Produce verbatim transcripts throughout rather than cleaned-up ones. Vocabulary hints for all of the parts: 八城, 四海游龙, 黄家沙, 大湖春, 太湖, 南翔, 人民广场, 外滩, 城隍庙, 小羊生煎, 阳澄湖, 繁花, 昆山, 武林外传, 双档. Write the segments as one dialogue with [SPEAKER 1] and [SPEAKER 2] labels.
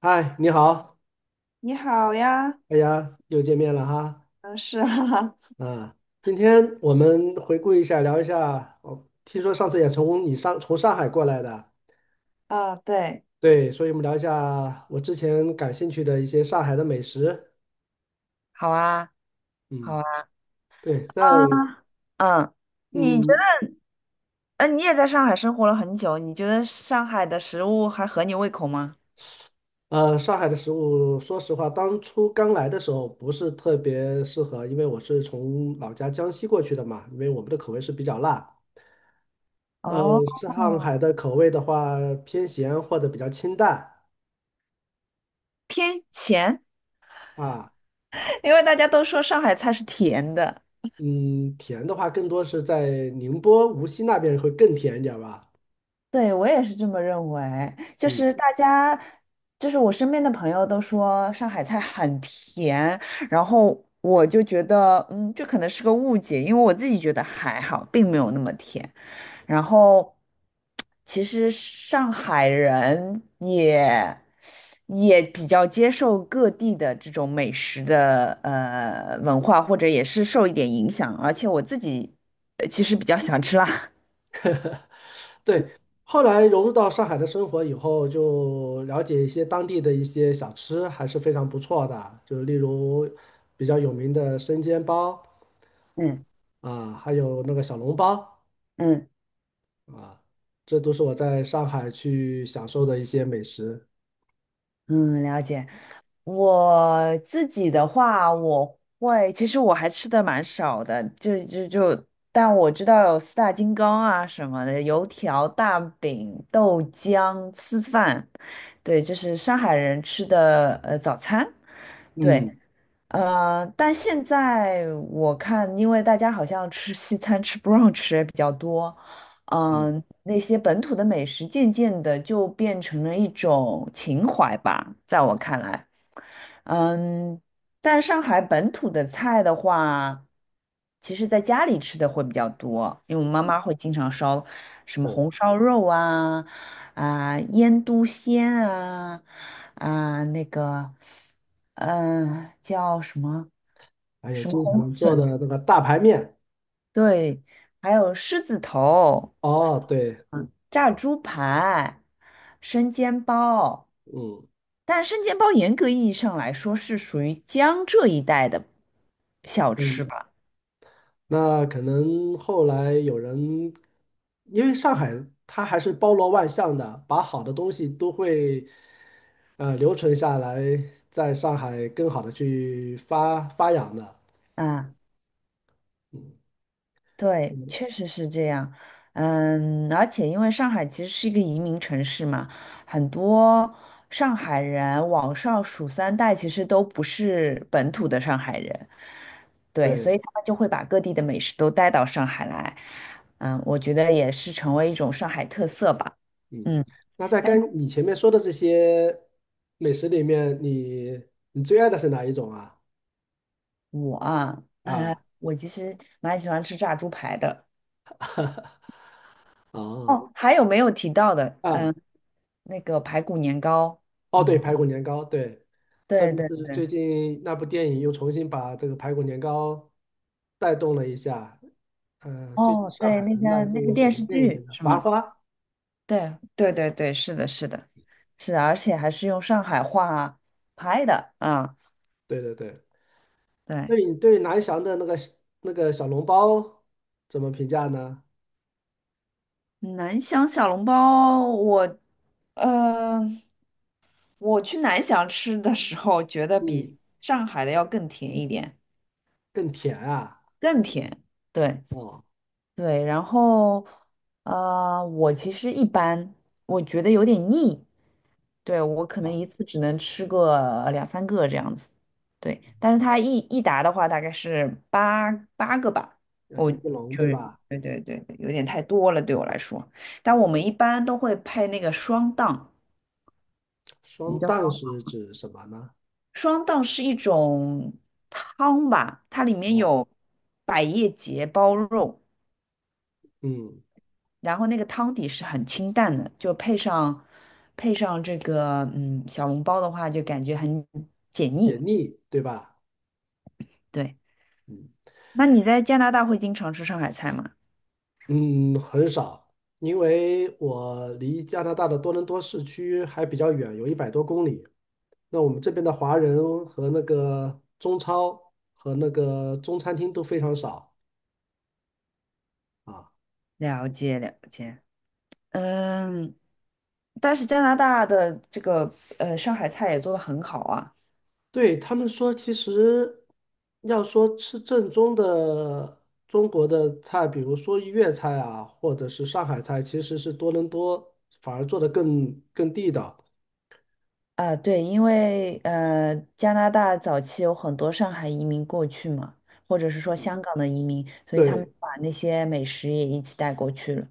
[SPEAKER 1] 嗨，你好，
[SPEAKER 2] 你好呀。
[SPEAKER 1] 大家又见面了哈。
[SPEAKER 2] 嗯，是啊。
[SPEAKER 1] 啊，今天我们回顾一下，聊一下。我听说上次也从你上从上海过来的，
[SPEAKER 2] 啊，对。
[SPEAKER 1] 对，所以我们聊一下我之前感兴趣的一些上海的美食。
[SPEAKER 2] 好啊，好
[SPEAKER 1] 嗯，
[SPEAKER 2] 啊。
[SPEAKER 1] 对，在
[SPEAKER 2] 啊嗯。你觉
[SPEAKER 1] 嗯
[SPEAKER 2] 得，嗯你也在上海生活了很久，你觉得上海的食物还合你胃口吗？
[SPEAKER 1] 呃上海的食物，说实话，当初刚来的时候不是特别适合，因为我是从老家江西过去的嘛，因为我们的口味是比较辣。呃，
[SPEAKER 2] 哦，
[SPEAKER 1] 上海的口味的话偏咸或者比较清淡
[SPEAKER 2] 偏咸。
[SPEAKER 1] 啊。
[SPEAKER 2] 因为大家都说上海菜是甜的。
[SPEAKER 1] 嗯，甜的话更多是在宁波、无锡那边会更甜一点吧。
[SPEAKER 2] 对，我也是这么认为，就
[SPEAKER 1] 嗯，
[SPEAKER 2] 是大家，就是我身边的朋友都说上海菜很甜。然后我就觉得，嗯，这可能是个误解，因为我自己觉得还好，并没有那么甜。然后，其实上海人也也比较接受各地的这种美食的呃文化，或者也是受一点影响，而且我自己呃其实比较喜欢吃辣。
[SPEAKER 1] 对，后来融入到上海的生活以后，就了解一些当地的一些小吃，还是非常不错的。就例如比较有名的生煎包
[SPEAKER 2] 嗯
[SPEAKER 1] 啊，还有那个小笼包
[SPEAKER 2] 嗯。
[SPEAKER 1] 啊，这都是我在上海去享受的一些美食。
[SPEAKER 2] 嗯，了解。我自己的话，我会，其实我还吃的蛮少的，就就就，但我知道有四大金刚啊什么的，油条、大饼、豆浆、吃饭，对，就是上海人吃的呃早餐。对，
[SPEAKER 1] 嗯，
[SPEAKER 2] 呃，但现在我看，因为大家好像吃西餐、吃 brunch 也比较多，
[SPEAKER 1] 嗯，
[SPEAKER 2] 嗯、那些本土的美食渐渐的就变成了一种情怀吧，在我看来。嗯，但上海本土的菜的话，其实在家里吃的会比较多，因为我妈妈会经常烧什么
[SPEAKER 1] 对，
[SPEAKER 2] 红烧肉啊，啊、腌笃鲜啊。啊、那个，嗯，叫什么
[SPEAKER 1] 还有
[SPEAKER 2] 什么
[SPEAKER 1] 经
[SPEAKER 2] 红
[SPEAKER 1] 常做
[SPEAKER 2] 笋
[SPEAKER 1] 的
[SPEAKER 2] 子。
[SPEAKER 1] 那个大排面。
[SPEAKER 2] 对，还有狮子头、
[SPEAKER 1] 哦，对，
[SPEAKER 2] 炸猪排、生煎包。
[SPEAKER 1] 嗯。
[SPEAKER 2] 但生煎包严格意义上来说是属于江浙一带的小吃吧？
[SPEAKER 1] 那可能后来有人，因为上海它还是包罗万象的，把好的东西都会呃留存下来，在上海更好的去发发扬的。
[SPEAKER 2] 啊、
[SPEAKER 1] 嗯
[SPEAKER 2] 对，
[SPEAKER 1] 嗯，
[SPEAKER 2] 确实是这样。嗯，而且因为上海其实是一个移民城市嘛，很多上海人往上数三代，其实都不是本土的上海人。对，所
[SPEAKER 1] 对，
[SPEAKER 2] 以他们就会把各地的美食都带到上海来。嗯，我觉得也是成为一种上海特色吧。
[SPEAKER 1] 嗯。
[SPEAKER 2] 嗯，
[SPEAKER 1] 那在跟你前面说的这些美食里面，你你最爱的是哪一种啊？
[SPEAKER 2] 我啊，呃，
[SPEAKER 1] 啊
[SPEAKER 2] 我其实蛮喜欢吃炸猪排的。
[SPEAKER 1] 啊
[SPEAKER 2] 哦，还有没有提到的？
[SPEAKER 1] 啊！
[SPEAKER 2] 嗯，那个排骨年糕。
[SPEAKER 1] 哦，对，
[SPEAKER 2] 嗯，
[SPEAKER 1] 排骨年糕，对，特
[SPEAKER 2] 对
[SPEAKER 1] 别
[SPEAKER 2] 对。
[SPEAKER 1] 是最
[SPEAKER 2] 对。
[SPEAKER 1] 近那部电影又重新把这个排骨年糕带动了一下。呃，最近
[SPEAKER 2] 哦，
[SPEAKER 1] 上
[SPEAKER 2] 对，
[SPEAKER 1] 海
[SPEAKER 2] 那
[SPEAKER 1] 的那一
[SPEAKER 2] 个那个
[SPEAKER 1] 部什
[SPEAKER 2] 电
[SPEAKER 1] 么
[SPEAKER 2] 视
[SPEAKER 1] 电影来
[SPEAKER 2] 剧
[SPEAKER 1] 着？
[SPEAKER 2] 是
[SPEAKER 1] 《繁
[SPEAKER 2] 吗？
[SPEAKER 1] 花》。
[SPEAKER 2] 对对对对，是的，是的，是的，而且还是用上海话拍的啊。
[SPEAKER 1] 对对对，
[SPEAKER 2] 对，
[SPEAKER 1] 对，你对南翔的那个那个小笼包怎么评价呢？
[SPEAKER 2] 南翔小笼包。我，呃，我去南翔吃的时候，觉得比
[SPEAKER 1] 嗯，
[SPEAKER 2] 上海的要更甜一点。
[SPEAKER 1] 更甜啊。
[SPEAKER 2] 更甜。对
[SPEAKER 1] 哦，
[SPEAKER 2] 对。然后，呃，我其实一般，我觉得有点腻。对，我可能
[SPEAKER 1] 啊，
[SPEAKER 2] 一次只能吃个两三个这样子。对。但是它一一打的话，大概是八八个吧。
[SPEAKER 1] 那
[SPEAKER 2] 我
[SPEAKER 1] 就
[SPEAKER 2] 就
[SPEAKER 1] 一笼对
[SPEAKER 2] 是
[SPEAKER 1] 吧？
[SPEAKER 2] 对对对，对有点太多了对我来说。但我们一般都会配那个双档。什么
[SPEAKER 1] 双
[SPEAKER 2] 叫
[SPEAKER 1] 蛋
[SPEAKER 2] 双
[SPEAKER 1] 是
[SPEAKER 2] 档？
[SPEAKER 1] 指什么呢？
[SPEAKER 2] 双档是一种汤吧，它里面
[SPEAKER 1] 哦，
[SPEAKER 2] 有百叶结包肉，
[SPEAKER 1] 嗯，
[SPEAKER 2] 然后那个汤底是很清淡的，就配上配上这个嗯小笼包的话，就感觉很解
[SPEAKER 1] 解
[SPEAKER 2] 腻。
[SPEAKER 1] 腻对吧？
[SPEAKER 2] 对。
[SPEAKER 1] 嗯。
[SPEAKER 2] 那你在加拿大会经常吃上海菜吗？
[SPEAKER 1] 嗯，很少，因为我离加拿大的多伦多市区还比较远，有一百多公里。那我们这边的华人和那个中超和那个中餐厅都非常少啊。
[SPEAKER 2] 了解了解。嗯，但是加拿大的这个呃上海菜也做的很好啊。
[SPEAKER 1] 对，他们说，其实要说吃正宗的中国的菜，比如说粤菜啊，或者是上海菜，其实是多伦多反而做的更更地道。
[SPEAKER 2] 啊，对，因为呃，加拿大早期有很多上海移民过去嘛，或者是说香港的移民，所以他们
[SPEAKER 1] 对。
[SPEAKER 2] 把那些美食也一起带过去了，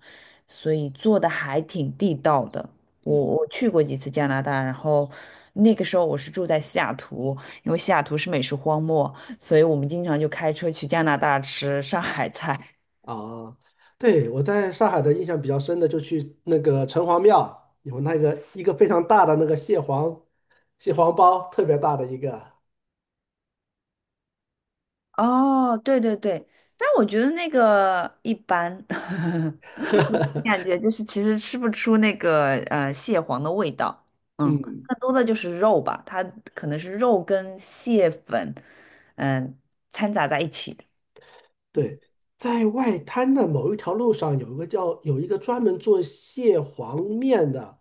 [SPEAKER 2] 所以做的还挺地道的。我
[SPEAKER 1] 嗯。
[SPEAKER 2] 我去过几次加拿大，然后那个时候我是住在西雅图，因为西雅图是美食荒漠，所以我们经常就开车去加拿大吃上海菜。
[SPEAKER 1] 啊，对，我在上海的印象比较深的，就去那个城隍庙，有那个一个非常大的那个蟹黄蟹黄包，特别大的一个。
[SPEAKER 2] 哦，对对对，但我觉得那个一般。感觉就是其实吃不出那个呃蟹黄的味道。嗯，
[SPEAKER 1] 嗯，
[SPEAKER 2] 更多的就是肉吧，它可能是肉跟蟹粉，嗯、掺杂在一起的
[SPEAKER 1] 对，
[SPEAKER 2] 嗯，
[SPEAKER 1] 在外滩的某一条路上有一个叫有一个专门做蟹黄面的，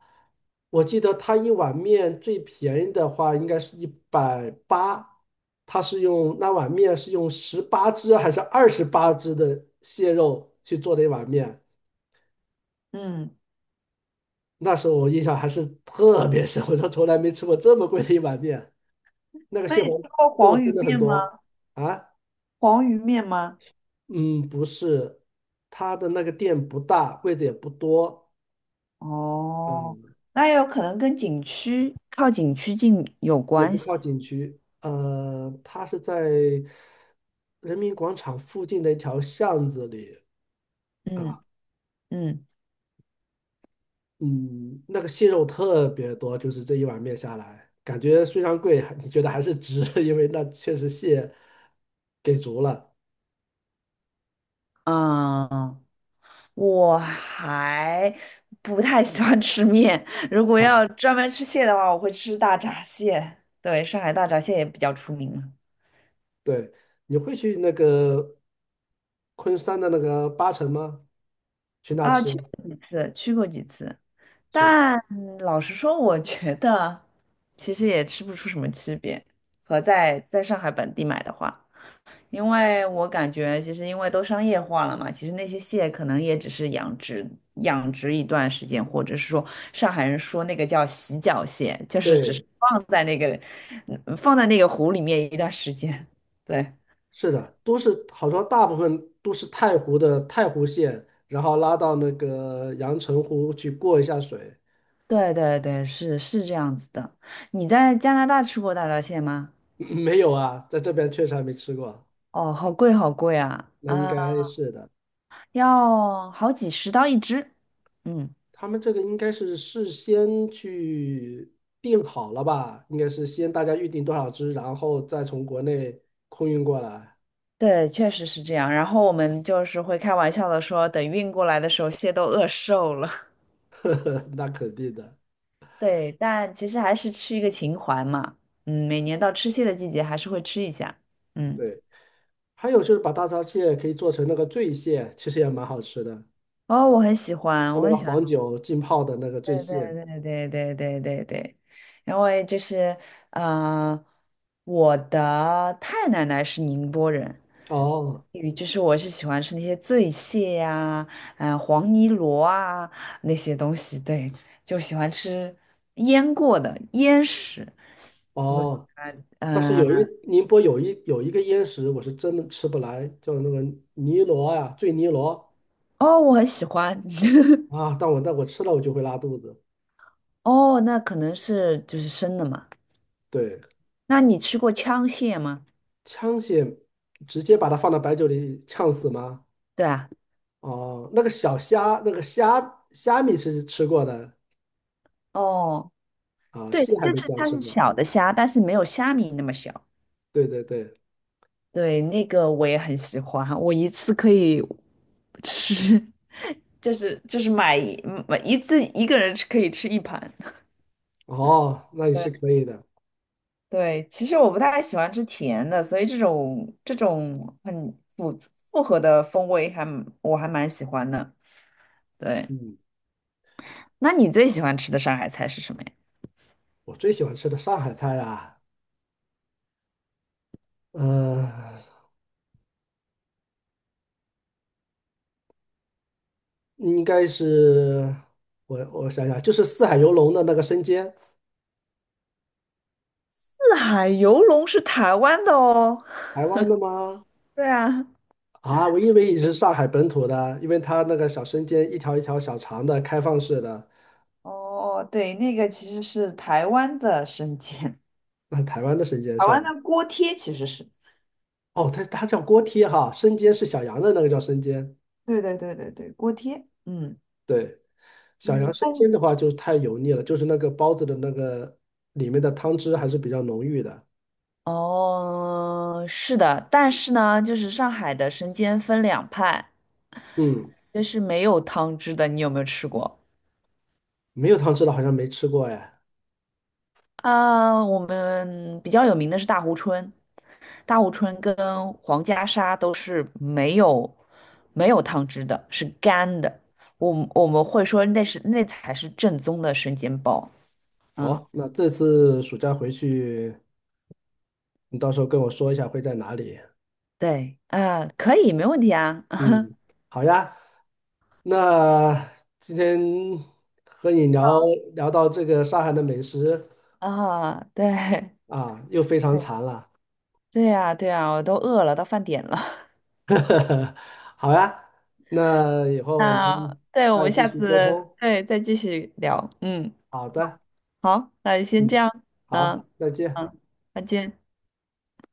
[SPEAKER 1] 我记得他一碗面最便宜的话应该是一百八，他是用那碗面是用十八只还是二十八只的蟹肉去做的一碗面。
[SPEAKER 2] 嗯，
[SPEAKER 1] 那时候我印象还是特别深，我说从来没吃过这么贵的一碗面。那个
[SPEAKER 2] 那
[SPEAKER 1] 蟹
[SPEAKER 2] 你
[SPEAKER 1] 黄
[SPEAKER 2] 吃过
[SPEAKER 1] 肉
[SPEAKER 2] 黄鱼
[SPEAKER 1] 真的很
[SPEAKER 2] 面吗？
[SPEAKER 1] 多啊，
[SPEAKER 2] 黄鱼面吗？
[SPEAKER 1] 嗯，不是，它的那个店不大，柜子也不多，
[SPEAKER 2] 哦，
[SPEAKER 1] 嗯，
[SPEAKER 2] 那也有可能跟景区靠景区近有
[SPEAKER 1] 也
[SPEAKER 2] 关
[SPEAKER 1] 不
[SPEAKER 2] 系。
[SPEAKER 1] 靠景区，呃，它是在人民广场附近的一条巷子里
[SPEAKER 2] 嗯
[SPEAKER 1] 啊，
[SPEAKER 2] 嗯。
[SPEAKER 1] 嗯，那个蟹肉特别多，就是这一碗面下来，感觉虽然贵，还你觉得还是值，因为那确实蟹给足了。
[SPEAKER 2] 嗯、我还不太喜欢吃面。如果
[SPEAKER 1] 啊。
[SPEAKER 2] 要专门吃蟹的话，我会吃大闸蟹。对，上海大闸蟹也比较出名嘛。
[SPEAKER 1] 对，你会去那个昆山的那个八城吗？去那
[SPEAKER 2] 啊，
[SPEAKER 1] 吃？
[SPEAKER 2] 去过几次，去过几次。
[SPEAKER 1] 就
[SPEAKER 2] 但老实说，我觉得其实也吃不出什么区别，和在在上海本地买的话。因为我感觉，其实因为都商业化了嘛，其实那些蟹可能也只是养殖养殖一段时间，或者是说上海人说那个叫洗脚蟹，就是只是
[SPEAKER 1] 对，
[SPEAKER 2] 放在那个嗯放在那个湖里面一段时间。对，
[SPEAKER 1] 是的，都是好像大部分都是太湖的太湖县，然后拉到那个阳澄湖去过一下水。
[SPEAKER 2] 对对对，是是这样子的。你在加拿大吃过大闸蟹吗？
[SPEAKER 1] 没有啊，在这边确实还没吃过。
[SPEAKER 2] 哦，好贵好贵啊！
[SPEAKER 1] 那应
[SPEAKER 2] 啊，
[SPEAKER 1] 该是的，
[SPEAKER 2] 要好几十刀一只。嗯。
[SPEAKER 1] 他们这个应该是事先去定好了吧？应该是先大家预定多少只，然后再从国内空运过来。
[SPEAKER 2] 对，确实是这样。然后我们就是会开玩笑的说，等运过来的时候，蟹都饿瘦了。
[SPEAKER 1] 呵呵，那肯定的，
[SPEAKER 2] 对，但其实还是吃一个情怀嘛。嗯，每年到吃蟹的季节，还是会吃一下。嗯。
[SPEAKER 1] 对。还有就是把大闸蟹可以做成那个醉蟹，其实也蛮好吃的，
[SPEAKER 2] 哦，我很喜欢，
[SPEAKER 1] 用
[SPEAKER 2] 我
[SPEAKER 1] 那个
[SPEAKER 2] 很喜
[SPEAKER 1] 黄
[SPEAKER 2] 欢。
[SPEAKER 1] 酒浸泡的那个
[SPEAKER 2] 对
[SPEAKER 1] 醉蟹。
[SPEAKER 2] 对对对对对对，因为就是呃，我的太奶奶是宁波人。嗯
[SPEAKER 1] 哦
[SPEAKER 2] 与就是我是喜欢吃那些醉蟹呀、嗯、黄泥螺啊那些东西，对，就喜欢吃腌过的腌食。我
[SPEAKER 1] 哦，但是
[SPEAKER 2] 呃，
[SPEAKER 1] 有一宁波有一有一个腌食，我是真的吃不来，叫那个泥螺呀、醉泥螺
[SPEAKER 2] 哦，我很喜欢。
[SPEAKER 1] 啊，但我但我吃了我就会拉肚子。
[SPEAKER 2] 哦，那可能是就是生的嘛。
[SPEAKER 1] 对，
[SPEAKER 2] 那你吃过枪蟹吗？
[SPEAKER 1] 枪蟹直接把它放到白酒里呛死吗？
[SPEAKER 2] 对啊。
[SPEAKER 1] 哦，那个小虾，那个虾虾米是吃过的
[SPEAKER 2] 哦。
[SPEAKER 1] 啊，
[SPEAKER 2] 对，
[SPEAKER 1] 蟹还
[SPEAKER 2] 就
[SPEAKER 1] 没
[SPEAKER 2] 是
[SPEAKER 1] 这样
[SPEAKER 2] 它
[SPEAKER 1] 吃
[SPEAKER 2] 是
[SPEAKER 1] 过。
[SPEAKER 2] 小的虾，但是没有虾米那么小。
[SPEAKER 1] 对对对，
[SPEAKER 2] 对，那个我也很喜欢，我一次可以吃，就是就是买一买一次一个人吃可以吃一盘。
[SPEAKER 1] 哦，那也
[SPEAKER 2] 对
[SPEAKER 1] 是可以的，
[SPEAKER 2] 对，其实我不太喜欢吃甜的，所以这种这种很复复合的风味还蛮我还蛮喜欢的。对，
[SPEAKER 1] 嗯。
[SPEAKER 2] 那你最喜欢吃的上海菜是什么呀？
[SPEAKER 1] 我最喜欢吃的上海菜啊，呃，应该是我我想想，就是四海游龙的那个生煎，
[SPEAKER 2] 四海游龙是台湾的哦。
[SPEAKER 1] 台湾的吗？
[SPEAKER 2] 对啊。
[SPEAKER 1] 啊，我以为你是上海本土的，因为它那个小生煎一条一条小长的开放式的，
[SPEAKER 2] 哦，对，那个其实是台湾的生煎。
[SPEAKER 1] 那台湾的生煎
[SPEAKER 2] 台
[SPEAKER 1] 是吧？
[SPEAKER 2] 湾的锅贴其实是，
[SPEAKER 1] 哦，它它叫锅贴哈，生煎是小羊的那个叫生煎，
[SPEAKER 2] 对对对对对，锅贴。嗯
[SPEAKER 1] 对，小羊
[SPEAKER 2] 嗯，
[SPEAKER 1] 生
[SPEAKER 2] 但
[SPEAKER 1] 煎的话就是太油腻了，就是那个包子的那个里面的汤汁还是比较浓郁的，
[SPEAKER 2] 哦，是的，但是呢，就是上海的生煎分两派，
[SPEAKER 1] 嗯，
[SPEAKER 2] 就是没有汤汁的，你有没有吃过？
[SPEAKER 1] 没有汤汁的好像没吃过哎。
[SPEAKER 2] 啊、我们比较有名的是大湖春。大湖春跟黄家沙都是没有没有汤汁的，是干的。我们我们会说那是那才是正宗的生煎包。嗯，
[SPEAKER 1] 好，那这次暑假回去，你到时候跟我说一下会在哪里。
[SPEAKER 2] 对啊、可以，没问题啊。
[SPEAKER 1] 嗯，好呀。那今天和你聊聊到这个上海的美食
[SPEAKER 2] 啊，对。
[SPEAKER 1] 啊，又非常馋了。
[SPEAKER 2] 对呀，对呀，我都饿了，到饭点了。
[SPEAKER 1] 好呀，那以 后我
[SPEAKER 2] 那
[SPEAKER 1] 们
[SPEAKER 2] 对，我
[SPEAKER 1] 再
[SPEAKER 2] 们
[SPEAKER 1] 继
[SPEAKER 2] 下
[SPEAKER 1] 续沟
[SPEAKER 2] 次
[SPEAKER 1] 通。
[SPEAKER 2] 对再继续聊。嗯，
[SPEAKER 1] 好的，
[SPEAKER 2] 好，那就先这
[SPEAKER 1] 嗯，
[SPEAKER 2] 样。
[SPEAKER 1] 好，
[SPEAKER 2] 嗯
[SPEAKER 1] 再见。
[SPEAKER 2] 嗯，再见。